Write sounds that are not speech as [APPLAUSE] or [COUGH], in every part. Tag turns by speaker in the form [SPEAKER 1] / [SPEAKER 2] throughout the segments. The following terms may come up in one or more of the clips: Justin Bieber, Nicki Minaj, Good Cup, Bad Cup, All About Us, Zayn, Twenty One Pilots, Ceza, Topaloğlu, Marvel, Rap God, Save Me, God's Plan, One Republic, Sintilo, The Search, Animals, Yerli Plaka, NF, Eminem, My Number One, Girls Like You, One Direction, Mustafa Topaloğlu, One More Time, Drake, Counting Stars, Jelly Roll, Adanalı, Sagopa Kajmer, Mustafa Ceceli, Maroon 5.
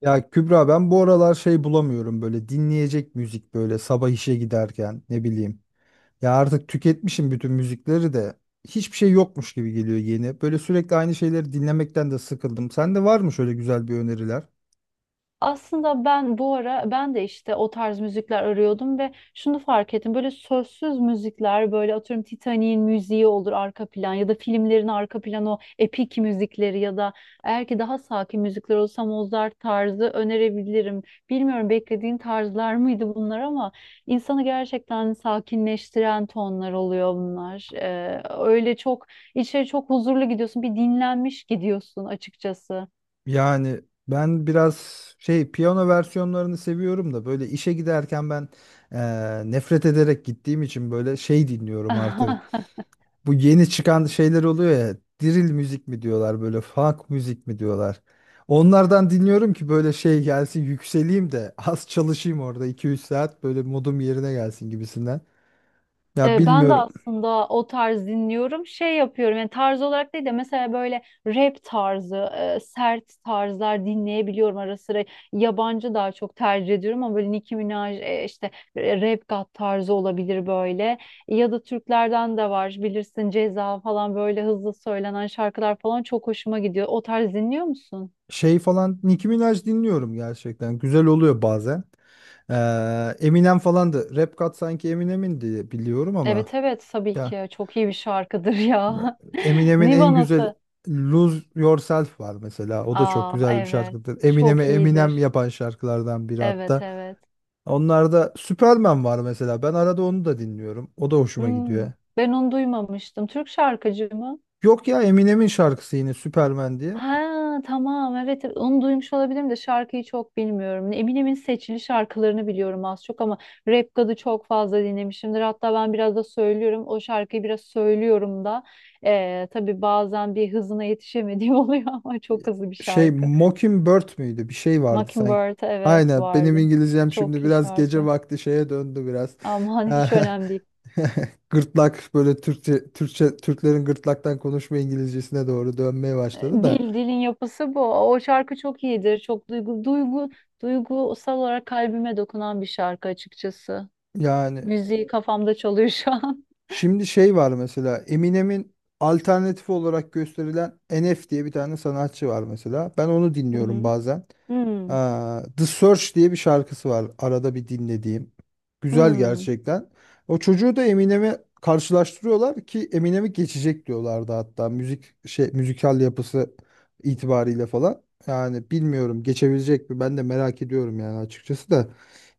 [SPEAKER 1] Ya Kübra, ben bu aralar şey bulamıyorum böyle, dinleyecek müzik, böyle sabah işe giderken ne bileyim. Ya artık tüketmişim bütün müzikleri de, hiçbir şey yokmuş gibi geliyor yeni. Böyle sürekli aynı şeyleri dinlemekten de sıkıldım. Sende var mı şöyle güzel bir öneriler?
[SPEAKER 2] Aslında ben bu ara ben de işte o tarz müzikler arıyordum ve şunu fark ettim. Böyle sözsüz müzikler böyle atıyorum Titanic'in müziği olur arka plan ya da filmlerin arka planı o epik müzikleri ya da eğer ki daha sakin müzikler olsa Mozart tarzı önerebilirim. Bilmiyorum beklediğin tarzlar mıydı bunlar ama insanı gerçekten sakinleştiren tonlar oluyor bunlar. Öyle çok içeri çok huzurlu gidiyorsun bir dinlenmiş gidiyorsun açıkçası.
[SPEAKER 1] Yani ben biraz şey, piyano versiyonlarını seviyorum da, böyle işe giderken ben nefret ederek gittiğim için böyle şey dinliyorum artık.
[SPEAKER 2] [LAUGHS]
[SPEAKER 1] Bu yeni çıkan şeyler oluyor ya. Drill müzik mi diyorlar, böyle funk müzik mi diyorlar. Onlardan dinliyorum ki böyle şey gelsin, yükseleyim de [LAUGHS] az çalışayım orada, iki üç saat böyle modum yerine gelsin gibisinden. Ya
[SPEAKER 2] Ben de
[SPEAKER 1] bilmiyorum,
[SPEAKER 2] aslında o tarz dinliyorum. Şey yapıyorum yani tarz olarak değil de mesela böyle rap tarzı, sert tarzlar dinleyebiliyorum ara sıra. Yabancı daha çok tercih ediyorum ama böyle Nicki Minaj işte Rap God tarzı olabilir böyle. Ya da Türklerden de var bilirsin Ceza falan böyle hızlı söylenen şarkılar falan çok hoşuma gidiyor. O tarz dinliyor musun?
[SPEAKER 1] şey falan, Nicki Minaj dinliyorum, gerçekten güzel oluyor bazen. Eminem falan da Rap God, sanki Eminem'in diye biliyorum ama,
[SPEAKER 2] Evet, evet, tabii
[SPEAKER 1] ya
[SPEAKER 2] ki çok iyi bir şarkıdır ya. [LAUGHS]
[SPEAKER 1] Eminem'in en
[SPEAKER 2] Niva
[SPEAKER 1] güzel
[SPEAKER 2] nasıl?
[SPEAKER 1] Lose Yourself var mesela. O da çok
[SPEAKER 2] Aa,
[SPEAKER 1] güzel bir
[SPEAKER 2] evet,
[SPEAKER 1] şarkıdır. Eminem'e
[SPEAKER 2] çok
[SPEAKER 1] Eminem
[SPEAKER 2] iyidir.
[SPEAKER 1] yapan şarkılardan biri
[SPEAKER 2] Evet,
[SPEAKER 1] hatta.
[SPEAKER 2] evet.
[SPEAKER 1] Onlarda Superman var mesela. Ben arada onu da dinliyorum. O da hoşuma
[SPEAKER 2] Hmm,
[SPEAKER 1] gidiyor.
[SPEAKER 2] ben onu duymamıştım. Türk şarkıcı mı?
[SPEAKER 1] Yok ya, Eminem'in şarkısı yine, Superman diye.
[SPEAKER 2] Ha, tamam, evet, evet. Onu duymuş olabilirim de şarkıyı çok bilmiyorum. Eminem'in seçili şarkılarını biliyorum az çok ama Rap God'u çok fazla dinlemişimdir. Hatta ben biraz da söylüyorum. O şarkıyı biraz söylüyorum da. Tabii bazen bir hızına yetişemediğim [LAUGHS] oluyor ama çok hızlı bir
[SPEAKER 1] Şey,
[SPEAKER 2] şarkı.
[SPEAKER 1] Mockingbird müydü? Bir şey vardı sanki.
[SPEAKER 2] Mockingbird, evet,
[SPEAKER 1] Aynen, benim
[SPEAKER 2] vardı.
[SPEAKER 1] İngilizcem şimdi
[SPEAKER 2] Çok iyi
[SPEAKER 1] biraz gece
[SPEAKER 2] şarkı.
[SPEAKER 1] vakti şeye döndü biraz.
[SPEAKER 2] Aman, hiç
[SPEAKER 1] [LAUGHS]
[SPEAKER 2] önemli değil.
[SPEAKER 1] Gırtlak, böyle Türkçe Türklerin gırtlaktan konuşma İngilizcesine doğru dönmeye başladı da.
[SPEAKER 2] Dilin yapısı bu. O şarkı çok iyidir. Çok duygusal olarak kalbime dokunan bir şarkı açıkçası.
[SPEAKER 1] Yani
[SPEAKER 2] Müziği kafamda çalıyor şu an.
[SPEAKER 1] şimdi şey var mesela, Eminem'in alternatif olarak gösterilen NF diye bir tane sanatçı var mesela. Ben onu
[SPEAKER 2] [LAUGHS] Hı
[SPEAKER 1] dinliyorum
[SPEAKER 2] hı.
[SPEAKER 1] bazen.
[SPEAKER 2] Hmm,
[SPEAKER 1] Aa, The Search diye bir şarkısı var, arada bir dinlediğim. Güzel
[SPEAKER 2] hmm.
[SPEAKER 1] gerçekten. O çocuğu da Eminem'e karşılaştırıyorlar ki Eminem'i geçecek diyorlardı hatta, müzik şey, müzikal yapısı itibariyle falan. Yani bilmiyorum, geçebilecek mi, ben de merak ediyorum yani açıkçası da.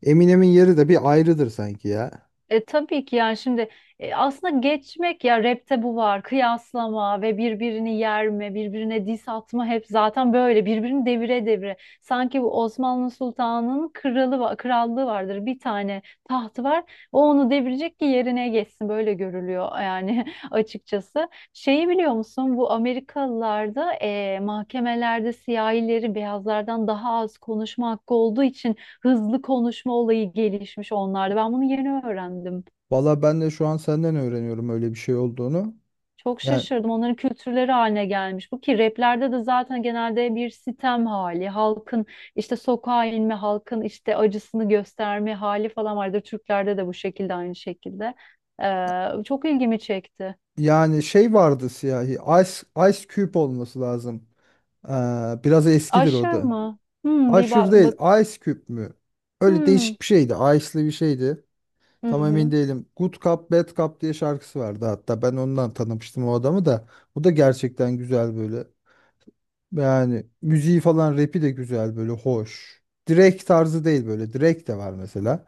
[SPEAKER 1] Eminem'in yeri de bir ayrıdır sanki ya.
[SPEAKER 2] Tabii ki yani şimdi aslında geçmek ya, rapte bu var, kıyaslama ve birbirini yerme, birbirine diss atma, hep zaten böyle birbirini devire devire. Sanki bu Osmanlı Sultanı'nın krallığı vardır, bir tane tahtı var, o onu devirecek ki yerine geçsin, böyle görülüyor yani [LAUGHS] açıkçası. Şeyi biliyor musun, bu Amerikalılarda mahkemelerde siyahilerin beyazlardan daha az konuşma hakkı olduğu için hızlı konuşma olayı gelişmiş onlarda. Ben bunu yeni öğrendim.
[SPEAKER 1] Valla ben de şu an senden öğreniyorum öyle bir şey olduğunu.
[SPEAKER 2] Çok
[SPEAKER 1] Yani,
[SPEAKER 2] şaşırdım. Onların kültürleri haline gelmiş. Bu ki raplerde de zaten genelde bir sitem hali, halkın işte sokağa inme, halkın işte acısını gösterme hali falan vardır. Türklerde de bu şekilde, aynı şekilde. Çok ilgimi çekti.
[SPEAKER 1] yani, şey vardı, siyahi. Ice, Ice Cube olması lazım. Ee, biraz eskidir o
[SPEAKER 2] Aşır
[SPEAKER 1] da.
[SPEAKER 2] mı? Bir
[SPEAKER 1] Aşır
[SPEAKER 2] bak,
[SPEAKER 1] değil.
[SPEAKER 2] bak.
[SPEAKER 1] Ice Cube mü? Öyle
[SPEAKER 2] Hmm.
[SPEAKER 1] değişik bir şeydi. Ice'lı bir şeydi.
[SPEAKER 2] Hı
[SPEAKER 1] Tam emin
[SPEAKER 2] hı.
[SPEAKER 1] değilim. Good Cup, Bad Cup diye şarkısı vardı hatta. Ben ondan tanımıştım o adamı da. O da gerçekten güzel böyle. Yani müziği falan, rapi de güzel böyle, hoş. Drake tarzı değil böyle. Drake de var mesela.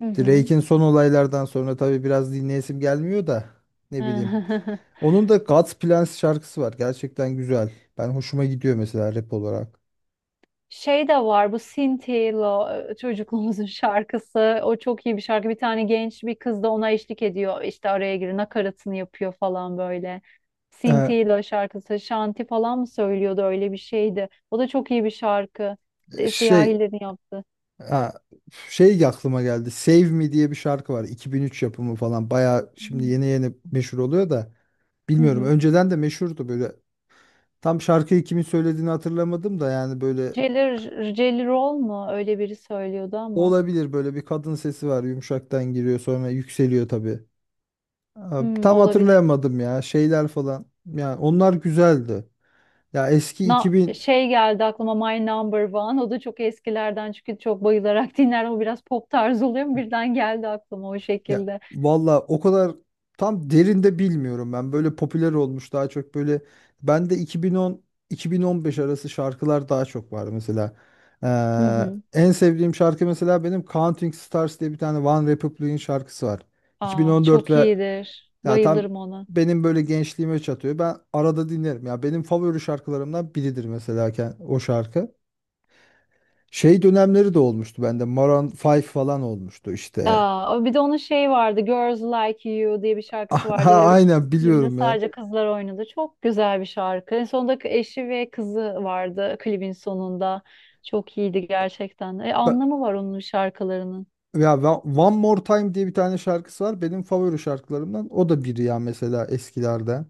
[SPEAKER 2] Hı hı.
[SPEAKER 1] Drake'in son olaylardan sonra tabii biraz dinleyesim gelmiyor da, ne bileyim.
[SPEAKER 2] [LAUGHS]
[SPEAKER 1] Onun da God's Plans şarkısı var. Gerçekten güzel. Ben, hoşuma gidiyor mesela rap olarak.
[SPEAKER 2] Şey de var, bu Sintilo çocukluğumuzun [LAUGHS] şarkısı. O çok iyi bir şarkı. Bir tane genç bir kız da ona eşlik ediyor. İşte araya girip nakaratını yapıyor falan böyle.
[SPEAKER 1] Ee,
[SPEAKER 2] Sintilo şarkısı. Şanti falan mı söylüyordu, öyle bir şeydi. O da çok iyi bir şarkı. E,
[SPEAKER 1] şey,
[SPEAKER 2] Siyahilerin yaptı.
[SPEAKER 1] ha, şey aklıma geldi. Save Me diye bir şarkı var. 2003 yapımı falan. Bayağı şimdi yeni yeni meşhur oluyor da
[SPEAKER 2] Hı
[SPEAKER 1] bilmiyorum,
[SPEAKER 2] hı.
[SPEAKER 1] önceden de meşhurdu böyle. Tam şarkıyı kimin söylediğini hatırlamadım da, yani böyle
[SPEAKER 2] Jelly, Jelly Roll mu? Öyle biri söylüyordu ama.
[SPEAKER 1] olabilir, böyle bir kadın sesi var. Yumuşaktan giriyor, sonra yükseliyor tabii. Abi,
[SPEAKER 2] Hmm,
[SPEAKER 1] tam
[SPEAKER 2] olabilir.
[SPEAKER 1] hatırlayamadım ya, şeyler falan. Yani onlar güzeldi. Ya eski 2000,
[SPEAKER 2] Şey geldi aklıma, My Number One. O da çok eskilerden çünkü çok bayılarak [LAUGHS] dinler. O biraz pop tarzı oluyor ama birden geldi aklıma o
[SPEAKER 1] ya
[SPEAKER 2] şekilde.
[SPEAKER 1] valla o kadar tam derinde bilmiyorum ben. Böyle popüler olmuş daha çok, böyle ben de 2010 2015 arası şarkılar daha çok var mesela.
[SPEAKER 2] Hı hı.
[SPEAKER 1] En sevdiğim şarkı mesela, benim Counting Stars diye bir tane, One Republic'in şarkısı var.
[SPEAKER 2] Aa,
[SPEAKER 1] 2014,
[SPEAKER 2] çok
[SPEAKER 1] ve
[SPEAKER 2] iyidir.
[SPEAKER 1] ya tam
[SPEAKER 2] Bayılırım ona.
[SPEAKER 1] benim böyle gençliğime çatıyor. Ben arada dinlerim. Ya benim favori şarkılarımdan biridir mesela o şarkı. Şey dönemleri de olmuştu bende. Maroon 5 falan olmuştu işte.
[SPEAKER 2] Aa, bir de onun şey vardı. Girls Like You diye bir
[SPEAKER 1] [LAUGHS]
[SPEAKER 2] şarkısı vardı
[SPEAKER 1] Aha,
[SPEAKER 2] ve
[SPEAKER 1] aynen
[SPEAKER 2] klibinde
[SPEAKER 1] biliyorum ya.
[SPEAKER 2] sadece kızlar oynadı. Çok güzel bir şarkı. En sonunda eşi ve kızı vardı klibin sonunda. Çok iyiydi gerçekten. E,
[SPEAKER 1] Ba-
[SPEAKER 2] anlamı var onun şarkılarının.
[SPEAKER 1] One More Time diye bir tane şarkısı var. Benim favori şarkılarımdan. O da biri ya mesela, eskilerden.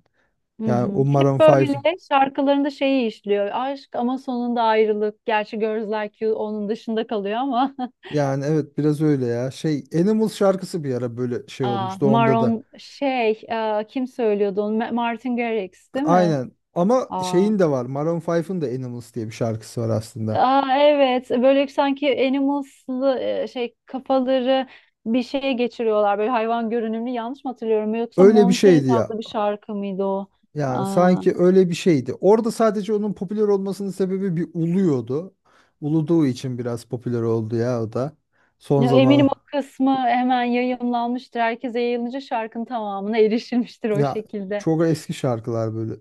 [SPEAKER 2] Hı
[SPEAKER 1] Yani
[SPEAKER 2] hı.
[SPEAKER 1] o
[SPEAKER 2] Hep
[SPEAKER 1] Maroon 5.
[SPEAKER 2] böyle şarkılarında şeyi işliyor. Aşk ama sonunda ayrılık. Gerçi Girls Like You onun dışında kalıyor ama. [LAUGHS]
[SPEAKER 1] Yani evet, biraz öyle ya. Şey, Animals şarkısı bir ara böyle şey
[SPEAKER 2] Aa,
[SPEAKER 1] olmuştu onda da.
[SPEAKER 2] Maron şey kim söylüyordu onu? Martin Garrix değil mi?
[SPEAKER 1] Aynen. Ama
[SPEAKER 2] Aa,
[SPEAKER 1] şeyin de var. Maroon 5'ın de Animals diye bir şarkısı var aslında.
[SPEAKER 2] aa, evet, böyle sanki Animals'lı şey kafaları bir şeye geçiriyorlar. Böyle hayvan görünümlü, yanlış mı hatırlıyorum? Yoksa
[SPEAKER 1] Öyle bir
[SPEAKER 2] Monkeys
[SPEAKER 1] şeydi ya.
[SPEAKER 2] adlı bir şarkı mıydı o?
[SPEAKER 1] Yani
[SPEAKER 2] Aa,
[SPEAKER 1] sanki öyle bir şeydi. Orada sadece onun popüler olmasının sebebi, bir uluyordu. Uluduğu için biraz popüler oldu ya o da. Son
[SPEAKER 2] ya eminim
[SPEAKER 1] zaman,
[SPEAKER 2] o kısmı hemen yayımlanmıştır. Herkese yayılınca şarkının tamamına erişilmiştir o
[SPEAKER 1] ya
[SPEAKER 2] şekilde.
[SPEAKER 1] çok eski şarkılar böyle.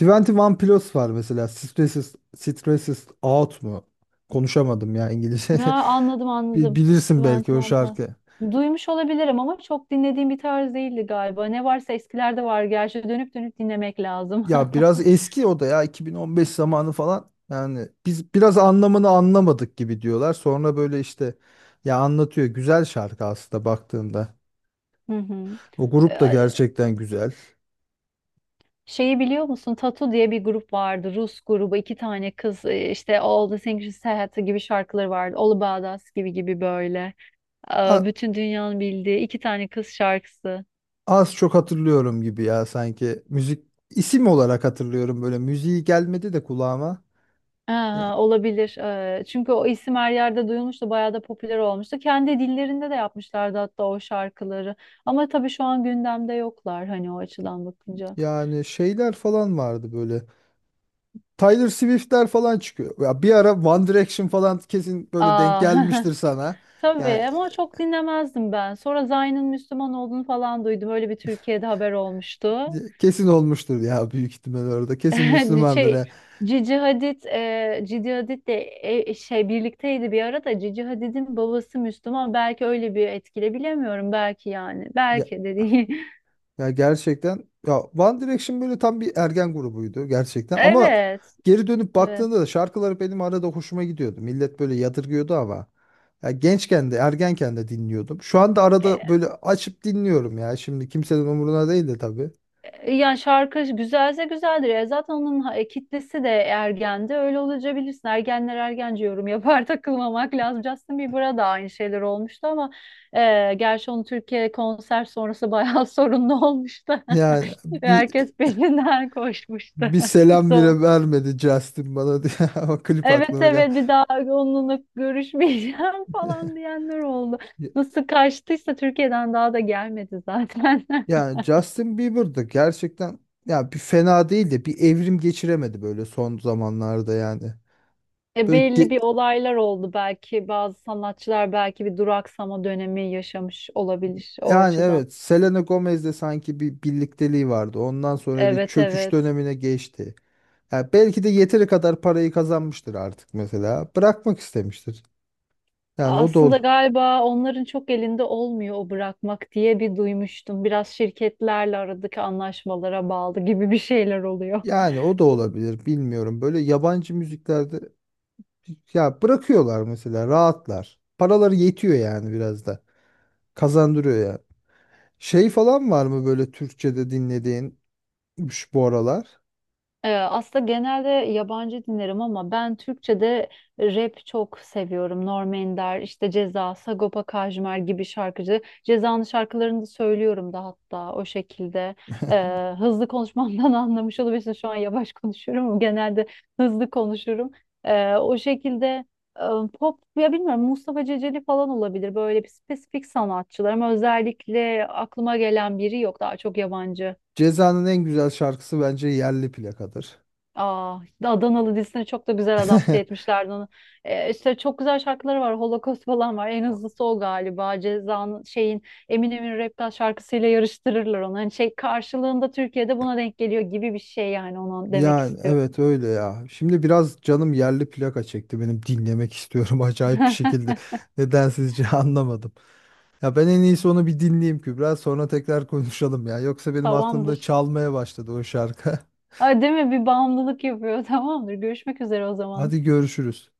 [SPEAKER 1] 21 Pilots var mesela. Stresses Out mu? Konuşamadım ya İngilizce.
[SPEAKER 2] Ya, anladım,
[SPEAKER 1] [LAUGHS] Bil-
[SPEAKER 2] anladım.
[SPEAKER 1] Bilirsin belki
[SPEAKER 2] Twenty
[SPEAKER 1] o
[SPEAKER 2] One Pilots.
[SPEAKER 1] şarkı.
[SPEAKER 2] Duymuş olabilirim ama çok dinlediğim bir tarz değildi galiba. Ne varsa eskilerde var. Gerçi dönüp dönüp dinlemek lazım.
[SPEAKER 1] Ya
[SPEAKER 2] [LAUGHS]
[SPEAKER 1] biraz eski o da, ya 2015 zamanı falan. Yani biz biraz anlamını anlamadık gibi diyorlar. Sonra böyle işte ya anlatıyor. Güzel şarkı aslında baktığında.
[SPEAKER 2] Hı hı.
[SPEAKER 1] O grup da
[SPEAKER 2] Ee,
[SPEAKER 1] gerçekten güzel.
[SPEAKER 2] Şeyi biliyor musun? Tatu diye bir grup vardı. Rus grubu. İki tane kız, işte All the Things You Said gibi şarkıları vardı. All About Us gibi gibi böyle. Ee,
[SPEAKER 1] A-
[SPEAKER 2] Bütün dünyanın bildiği iki tane kız şarkısı.
[SPEAKER 1] az çok hatırlıyorum gibi ya sanki. Müzik, isim olarak hatırlıyorum böyle. Müziği gelmedi de kulağıma. Ya-
[SPEAKER 2] Aha, olabilir. Çünkü o isim her yerde duyulmuştu, bayağı da popüler olmuştu. Kendi dillerinde de yapmışlardı hatta o şarkıları. Ama tabii şu an gündemde yoklar hani, o açıdan bakınca.
[SPEAKER 1] Yani şeyler falan vardı böyle. Tyler Swift'ler falan çıkıyor. Ya bir ara One Direction falan kesin böyle denk
[SPEAKER 2] Aa,
[SPEAKER 1] gelmiştir
[SPEAKER 2] [LAUGHS]
[SPEAKER 1] sana.
[SPEAKER 2] tabii
[SPEAKER 1] Yani,
[SPEAKER 2] ama çok dinlemezdim ben. Sonra Zayn'ın Müslüman olduğunu falan duydum. Öyle bir Türkiye'de haber olmuştu.
[SPEAKER 1] kesin olmuştur ya, büyük ihtimal orada. Kesin
[SPEAKER 2] [LAUGHS]
[SPEAKER 1] Müslümandır.
[SPEAKER 2] Şey,
[SPEAKER 1] Ha.
[SPEAKER 2] Cici Hadid de şey birlikteydi bir ara da, Cici Hadid'in babası Müslüman. Belki öyle bir etkile, bilemiyorum. Belki yani.
[SPEAKER 1] Ya
[SPEAKER 2] Belki de değil.
[SPEAKER 1] Ya gerçekten ya, One Direction böyle tam bir ergen grubuydu
[SPEAKER 2] [LAUGHS]
[SPEAKER 1] gerçekten ama,
[SPEAKER 2] Evet.
[SPEAKER 1] geri dönüp
[SPEAKER 2] Evet.
[SPEAKER 1] baktığında da şarkıları benim arada hoşuma gidiyordu. Millet böyle yadırgıyordu ama, ya gençken de ergenken de dinliyordum. Şu anda arada
[SPEAKER 2] E,
[SPEAKER 1] böyle açıp dinliyorum ya. Şimdi kimsenin umuruna değil de tabii.
[SPEAKER 2] yani şarkı güzelse güzeldir. Zaten onun kitlesi de ergendi. Öyle olunca bilirsin. Ergenler ergence yorum yapar, [LAUGHS] takılmamak lazım. Justin Bieber'a da aynı şeyler olmuştu ama gerçi onun Türkiye konser sonrası bayağı [LAUGHS] sorunlu olmuştu.
[SPEAKER 1] Yani,
[SPEAKER 2] [LAUGHS]
[SPEAKER 1] bir
[SPEAKER 2] Herkes peşinden koşmuştu.
[SPEAKER 1] bir
[SPEAKER 2] [LAUGHS]
[SPEAKER 1] selam
[SPEAKER 2] Zor.
[SPEAKER 1] bile vermedi Justin bana diye [LAUGHS] ama klip
[SPEAKER 2] Evet,
[SPEAKER 1] aklıma geldi.
[SPEAKER 2] evet, bir daha onunla görüşmeyeceğim [LAUGHS] falan diyenler oldu. Nasıl kaçtıysa Türkiye'den daha da gelmedi zaten. [LAUGHS]
[SPEAKER 1] Yani Justin Bieber'dı gerçekten ya, bir fena değil de bir evrim geçiremedi böyle son zamanlarda yani.
[SPEAKER 2] E,
[SPEAKER 1] Böyle
[SPEAKER 2] belli
[SPEAKER 1] ge-
[SPEAKER 2] bir olaylar oldu, belki bazı sanatçılar belki bir duraksama dönemi yaşamış olabilir o
[SPEAKER 1] Yani
[SPEAKER 2] açıdan.
[SPEAKER 1] evet, Selena Gomez'le sanki bir birlikteliği vardı. Ondan sonra bir
[SPEAKER 2] Evet,
[SPEAKER 1] çöküş
[SPEAKER 2] evet.
[SPEAKER 1] dönemine geçti. Ya belki de yeteri kadar parayı kazanmıştır artık mesela. Bırakmak istemiştir. Yani o da ol
[SPEAKER 2] Aslında galiba onların çok elinde olmuyor o bırakmak diye, bir duymuştum. Biraz şirketlerle aradaki anlaşmalara bağlı gibi bir şeyler oluyor.
[SPEAKER 1] yani o da olabilir bilmiyorum. Böyle yabancı müziklerde ya bırakıyorlar mesela, rahatlar. Paraları yetiyor yani, biraz da. Kazandırıyor yani. Şey falan var mı böyle Türkçe'de dinlediğin
[SPEAKER 2] [LAUGHS]
[SPEAKER 1] şu bu aralar?
[SPEAKER 2] Aslında genelde yabancı dinlerim ama ben Türkçe'de rap çok seviyorum. Norm Ender, işte Ceza, Sagopa Kajmer gibi şarkıcı. Ceza'nın şarkılarını da söylüyorum da hatta o şekilde. Hızlı konuşmamdan [LAUGHS] anlamış olabilirsin. Şu an yavaş konuşuyorum ama genelde hızlı konuşurum. O şekilde e, pop ya bilmiyorum, Mustafa Ceceli falan olabilir. Böyle bir spesifik sanatçılar ama özellikle aklıma gelen biri yok. Daha çok yabancı.
[SPEAKER 1] Ceza'nın en güzel şarkısı bence Yerli Plaka'dır.
[SPEAKER 2] Aa, işte Adanalı dizisine çok da güzel adapte
[SPEAKER 1] [LAUGHS]
[SPEAKER 2] etmişlerdi onu. İşte çok güzel şarkıları var. Holocaust falan var. En hızlısı o galiba. Ceza'nın şeyin, Eminem'in Rap God şarkısıyla yarıştırırlar onu. Hani şey karşılığında Türkiye'de buna denk geliyor gibi bir şey yani, ona demek
[SPEAKER 1] Yani
[SPEAKER 2] istiyor.
[SPEAKER 1] evet, öyle ya. Şimdi biraz canım yerli plaka çekti, benim dinlemek istiyorum [LAUGHS] acayip bir şekilde.
[SPEAKER 2] [LAUGHS]
[SPEAKER 1] Nedensizce [LAUGHS] anlamadım. Ya ben en iyisi onu bir dinleyeyim Kübra, sonra tekrar konuşalım ya. Yoksa benim aklımda
[SPEAKER 2] Tamamdır.
[SPEAKER 1] çalmaya başladı o şarkı. [LAUGHS]
[SPEAKER 2] Ay, değil mi? Bir bağımlılık yapıyor. [LAUGHS] Tamamdır. Görüşmek üzere o zaman.
[SPEAKER 1] Hadi görüşürüz.